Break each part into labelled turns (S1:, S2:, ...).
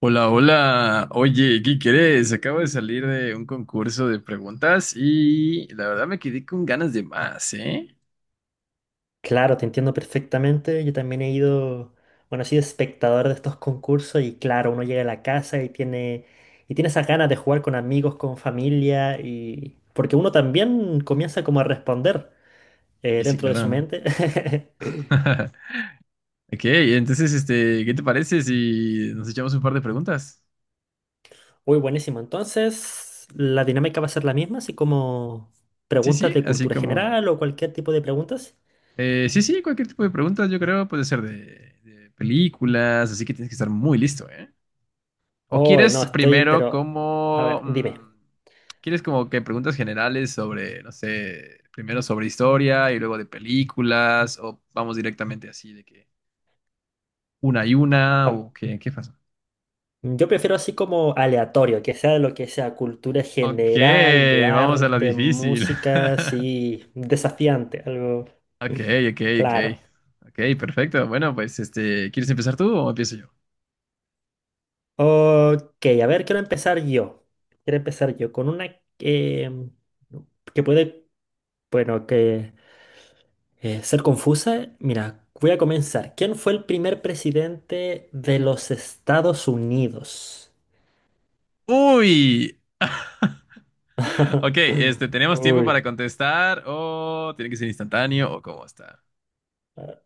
S1: Hola, hola. Oye, ¿qué quieres? Acabo de salir de un concurso de preguntas y la verdad me quedé con ganas de más, ¿eh?
S2: Claro, te entiendo perfectamente. Yo también he ido, bueno, he sido espectador de estos concursos y claro, uno llega a la casa y tiene esas ganas de jugar con amigos, con familia y porque uno también comienza como a responder
S1: Sí, sí,
S2: dentro de su
S1: claro.
S2: mente.
S1: Ok, entonces, ¿qué te parece si nos echamos un par de preguntas?
S2: Uy, buenísimo. Entonces, la dinámica va a ser la misma, así como
S1: Sí,
S2: preguntas
S1: sí,
S2: de
S1: así
S2: cultura
S1: como...
S2: general o cualquier tipo de preguntas.
S1: sí, sí, cualquier tipo de preguntas, yo creo, puede ser de películas, así que tienes que estar muy listo, ¿eh? ¿O
S2: Oh, no,
S1: quieres
S2: estoy,
S1: primero
S2: pero a
S1: como...
S2: ver, dime.
S1: ¿quieres como que preguntas generales sobre, no sé, primero sobre historia y luego de películas? ¿O vamos directamente así de que una y una? ¿O qué pasa?
S2: Yo prefiero así como aleatorio, que sea de lo que sea, cultura
S1: Ok,
S2: general, de
S1: vamos a lo
S2: arte,
S1: difícil.
S2: música, sí, desafiante, algo.
S1: Ok, ok, ok.
S2: Claro.
S1: Ok, perfecto. Bueno, pues ¿quieres empezar tú o empiezo yo?
S2: Ok, a ver, quiero empezar yo. Quiero empezar yo con una que puede, bueno, que ser confusa. Mira, voy a comenzar. ¿Quién fue el primer presidente de los Estados Unidos?
S1: ¡Uy! Ok, ¿tenemos tiempo para
S2: Uy.
S1: contestar o tiene que ser instantáneo o cómo está?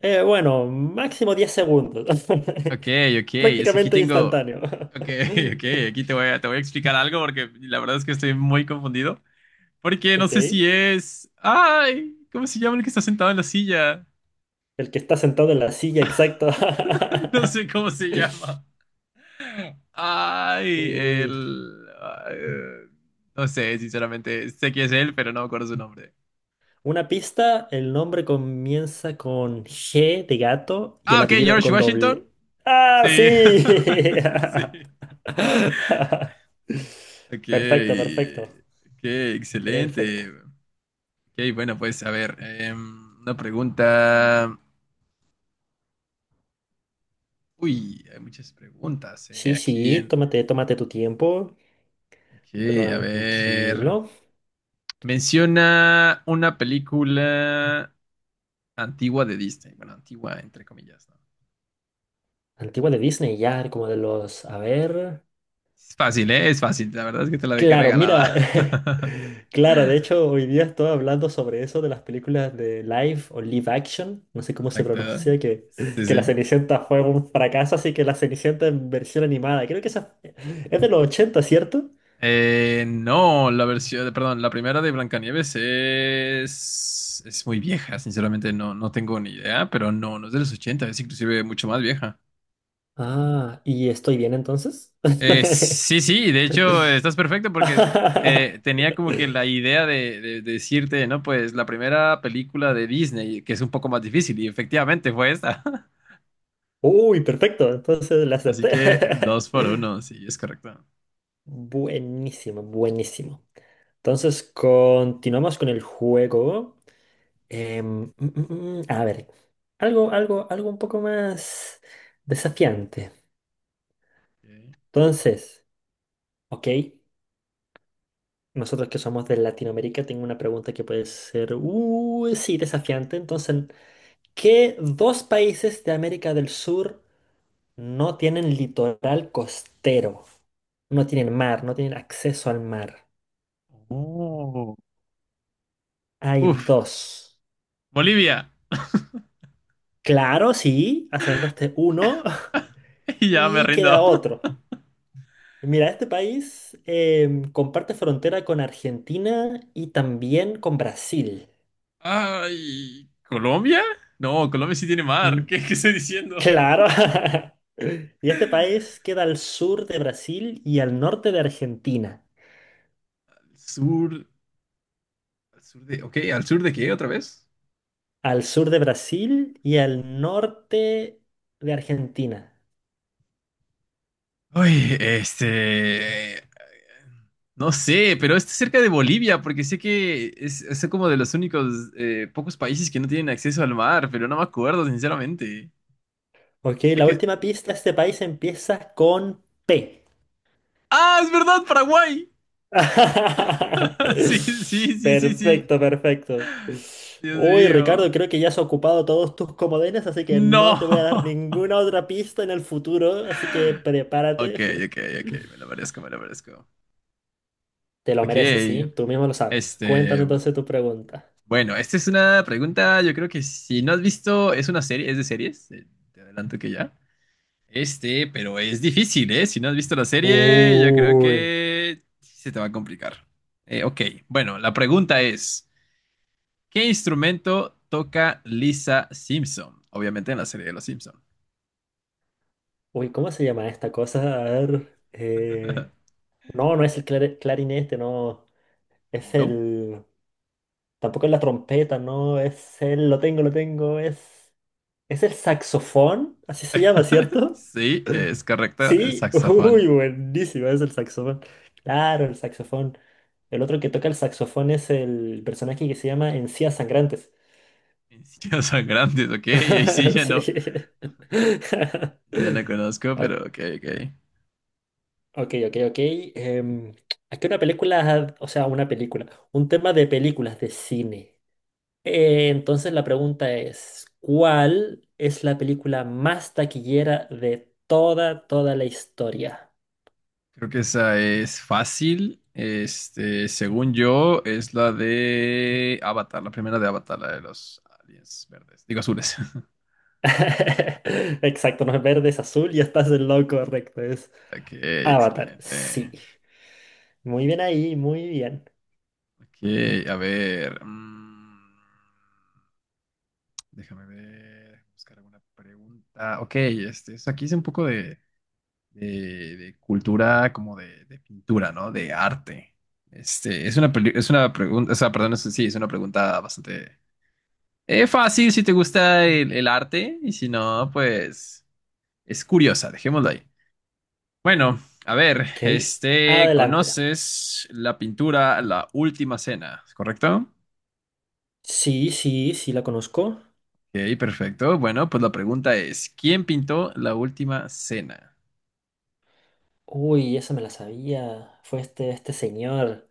S2: Bueno, máximo 10 segundos.
S1: Ok, ok, es que
S2: Prácticamente instantáneo.
S1: ok, ok, aquí te te voy a explicar algo porque la verdad es que estoy muy confundido, porque no
S2: Ok.
S1: sé si es, ay, ¿cómo se llama el que está sentado en la silla?
S2: El que está sentado en la silla, exacto.
S1: No sé cómo se llama. Ay,
S2: Uy.
S1: el, eh, no sé, sinceramente, sé que es él, pero no me acuerdo su nombre.
S2: Una pista, el nombre comienza con G de gato y
S1: Ah,
S2: el
S1: ok,
S2: apellido
S1: George
S2: con
S1: Washington.
S2: doble. ¡Ah,
S1: Sí,
S2: sí!
S1: sí. Ok,
S2: Perfecto, perfecto,
S1: ok,
S2: perfecto.
S1: excelente. Ok, bueno, pues a ver, una pregunta. Uy, hay muchas preguntas,
S2: Sí,
S1: aquí
S2: sí,
S1: en.
S2: tómate tu tiempo.
S1: Ok, a ver.
S2: Tranquilo.
S1: Menciona una película antigua de Disney. Bueno, antigua, entre comillas, ¿no?
S2: Antigua de Disney, ya, como de los. A ver.
S1: Es fácil, ¿eh? Es fácil. La verdad es que te la dejé
S2: Claro, mira.
S1: regalada.
S2: Claro, de hecho, hoy día estoy hablando sobre eso de las películas de live o live action. No sé cómo se
S1: Exacto.
S2: pronuncia, que,
S1: Sí,
S2: que La
S1: sí.
S2: Cenicienta fue un fracaso, así que La Cenicienta en versión animada. Creo que esa es de los 80, ¿cierto?
S1: No, la versión, perdón, la primera de Blancanieves es muy vieja, sinceramente no, no tengo ni idea, pero no, no es de los 80, es inclusive mucho más vieja.
S2: Ah, ¿y estoy bien entonces?
S1: Sí, sí, de hecho estás perfecto porque tenía como que la idea de decirte, ¿no? Pues la primera película de Disney, que es un poco más difícil, y efectivamente fue esta.
S2: Uy, perfecto, entonces la
S1: Así
S2: acerté.
S1: que dos por uno, sí, es correcto. Ok.
S2: Buenísimo, buenísimo. Entonces, continuamos con el juego. A ver, algo un poco más desafiante. Entonces, ok, nosotros que somos de Latinoamérica, tengo una pregunta que puede ser, sí, desafiante. Entonces, ¿qué dos países de América del Sur no tienen litoral costero? No tienen mar, no tienen acceso al mar.
S1: Oh.
S2: Hay
S1: Uf,
S2: dos.
S1: Bolivia,
S2: Claro, sí, acertaste uno
S1: ya me
S2: y queda
S1: rindo.
S2: otro. Mira, este país comparte frontera con Argentina y también con Brasil.
S1: Ay, ¿Colombia? No, Colombia sí tiene
S2: Mm,
S1: mar. ¿Qué, qué estoy diciendo?
S2: claro. Y este país queda al sur de Brasil y al norte de Argentina.
S1: Sur, al sur de, ok, ¿al sur de qué otra vez?
S2: Al sur de Brasil y al norte de Argentina.
S1: Uy, no sé, pero está cerca de Bolivia, porque sé que es como de los únicos pocos países que no tienen acceso al mar, pero no me acuerdo, sinceramente.
S2: Ok,
S1: Sé
S2: la
S1: que-
S2: última pista, este país empieza con P.
S1: ¡Ah, es verdad, Paraguay! Sí, sí, sí, sí, sí.
S2: Perfecto, perfecto.
S1: Dios
S2: Uy, Ricardo,
S1: mío.
S2: creo que ya has ocupado todos tus comodines, así que no
S1: No.
S2: te voy a dar ninguna otra pista en el futuro, así que
S1: Ok,
S2: prepárate.
S1: ok, ok, me lo merezco, me lo merezco.
S2: Te lo mereces,
S1: Ok.
S2: ¿sí? Tú mismo lo sabes. Cuéntame
S1: Este,
S2: entonces tu pregunta.
S1: bueno, esta es una pregunta, yo creo que si no has visto, es una serie, es de series, te adelanto que ya. Este, pero es difícil, ¿eh? Si no has visto la serie, yo creo
S2: Uy,
S1: que sí se te va a complicar. Ok, bueno, la pregunta es, ¿qué instrumento toca Lisa Simpson? Obviamente en la serie de los Simpson.
S2: uy, ¿cómo se llama esta cosa? A ver. No, no es el clarinete, no. Es
S1: No.
S2: el... Tampoco es la trompeta, no. Lo tengo, lo tengo. ¿Es el saxofón? Así se llama, ¿cierto?
S1: Sí, es correcto, el
S2: Sí, uy,
S1: saxofón.
S2: buenísimo, es el saxofón. Claro, el saxofón. El otro que toca el saxofón es el personaje que se llama Encías Sangrantes.
S1: Mis hijos son grandes, ok, y ahí sí ya no,
S2: Sí.
S1: ya no conozco,
S2: O-
S1: pero ok, ok.
S2: Ok, ok, ok. Em, Aquí una película, o sea, una película, un tema de películas de cine. Entonces la pregunta es, ¿cuál es la película más taquillera de toda la historia?
S1: Creo que esa es fácil. Este, según yo, es la de Avatar, la primera de Avatar, la de los aliens verdes. Digo azules.
S2: Exacto, no es verde, es azul y estás en lo correcto, es
S1: Ok,
S2: Avatar. Sí.
S1: excelente.
S2: Muy bien ahí, muy bien.
S1: Ok, a ver. Déjame ver. Buscar alguna pregunta. Ok, aquí es un poco de- de cultura, como de pintura, ¿no? De arte. Es una pregunta, o sea, perdón, sí, es una pregunta bastante. Es fácil si te gusta el arte y si no, pues es curiosa, dejémoslo ahí. Bueno, a ver,
S2: Ok, adelante.
S1: ¿conoces la pintura La Última Cena? ¿Es ¿Correcto?
S2: Sí, sí, sí, la conozco.
S1: Ok, perfecto. Bueno, pues la pregunta es, ¿quién pintó La Última Cena?
S2: Uy, esa me la sabía. Fue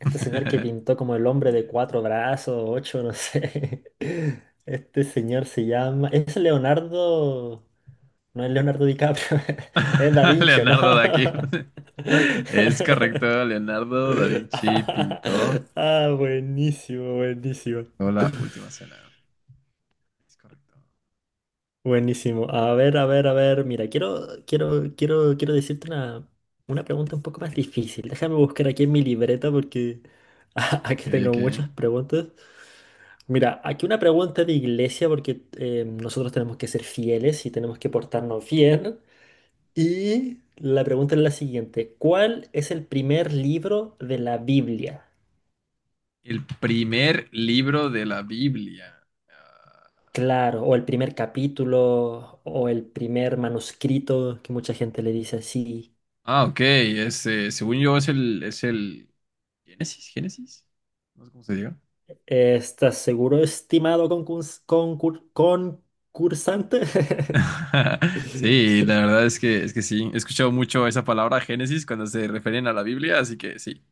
S2: este señor que pintó como el hombre de cuatro brazos, ocho, no sé. Este señor se llama. Es Leonardo. No es Leonardo DiCaprio, es Da Vinci, ¿no?
S1: Leonardo da Vinci. Es correcto, Leonardo da Vinci pintó
S2: Ah, buenísimo, buenísimo.
S1: La Última Cena. Es correcto.
S2: Buenísimo. A ver, a ver, a ver. Mira, quiero decirte una, pregunta un poco más difícil. Déjame buscar aquí en mi libreta porque aquí
S1: Ok,
S2: tengo
S1: ok.
S2: muchas preguntas. Mira, aquí una pregunta de iglesia porque nosotros tenemos que ser fieles y tenemos que portarnos bien. Y la pregunta es la siguiente. ¿Cuál es el primer libro de la Biblia?
S1: El primer libro de la Biblia. Ah,
S2: Claro, o el primer capítulo, o el primer manuscrito, que mucha gente le dice así.
S1: ah, ok. Es, según yo es el Génesis. No sé cómo se diga.
S2: ¿Estás seguro, estimado concursante?
S1: Sí, la verdad es es que sí. He escuchado mucho esa palabra Génesis cuando se refieren a la Biblia, así que sí.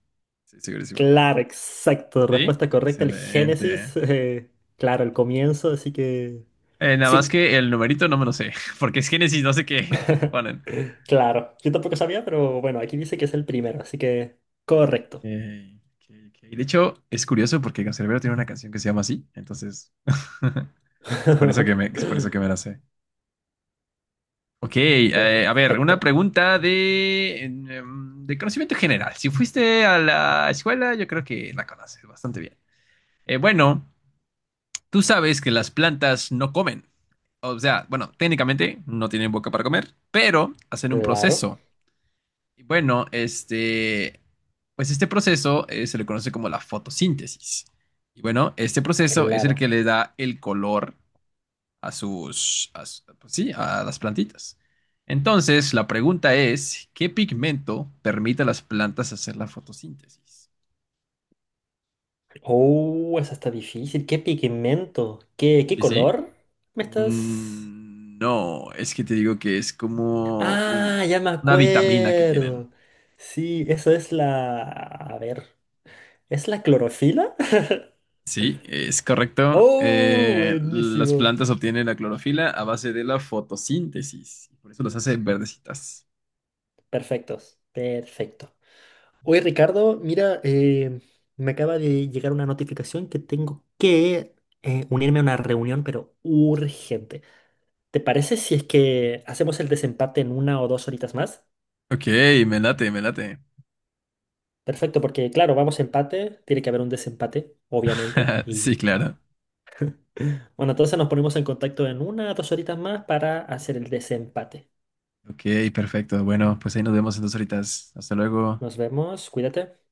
S1: Sí, segurísimo.
S2: Claro, exacto,
S1: Sí,
S2: respuesta correcta, el Génesis.
S1: excelente.
S2: Claro, el comienzo, así que.
S1: Nada más
S2: Sí,
S1: que el numerito no me lo sé, porque es Génesis, no sé qué. Bueno,
S2: claro. Yo tampoco sabía, pero bueno, aquí dice que es el primero, así que
S1: ah, ok,
S2: correcto.
S1: ok, ok. De hecho, es curioso porque Canserbero tiene una canción que se llama así, entonces es por es por eso que me la sé. Ok, a ver, una
S2: Perfecto.
S1: pregunta de conocimiento general. Si fuiste a la escuela, yo creo que la conoces bastante bien. Bueno, tú sabes que las plantas no comen. O sea, bueno, técnicamente no tienen boca para comer, pero hacen un
S2: Claro,
S1: proceso. Y bueno, pues este proceso se le conoce como la fotosíntesis. Y bueno, este proceso es el
S2: claro.
S1: que le da el color a sus, a su- pues sí, a las plantitas. Entonces, la pregunta es, ¿qué pigmento permite a las plantas hacer la fotosíntesis?
S2: Oh, esa está difícil. ¿Qué pigmento? ¿Qué
S1: ¿Sí, sí?
S2: color? ¿Me estás?
S1: Mm, no, es que te digo que es como
S2: Ah, ya me
S1: una vitamina que tienen.
S2: acuerdo. Sí, eso es la. A ver. ¿Es la clorofila?
S1: Sí, es correcto.
S2: Oh,
S1: Las
S2: buenísimo.
S1: plantas obtienen la clorofila a base de la fotosíntesis. Y por eso las hace verdecitas.
S2: Perfectos. Perfecto. Oye, Ricardo, mira, me acaba de llegar una notificación que tengo que unirme a una reunión, pero urgente. ¿Te parece si es que hacemos el desempate en una o dos horitas más?
S1: Ok, me late, me late.
S2: Perfecto, porque claro, vamos a empate, tiene que haber un desempate, obviamente.
S1: Sí,
S2: Y
S1: claro.
S2: bueno, entonces nos ponemos en contacto en una o dos horitas más para hacer el desempate.
S1: Ok, perfecto. Bueno, pues ahí nos vemos entonces ahorita. Hasta luego.
S2: Nos vemos, cuídate.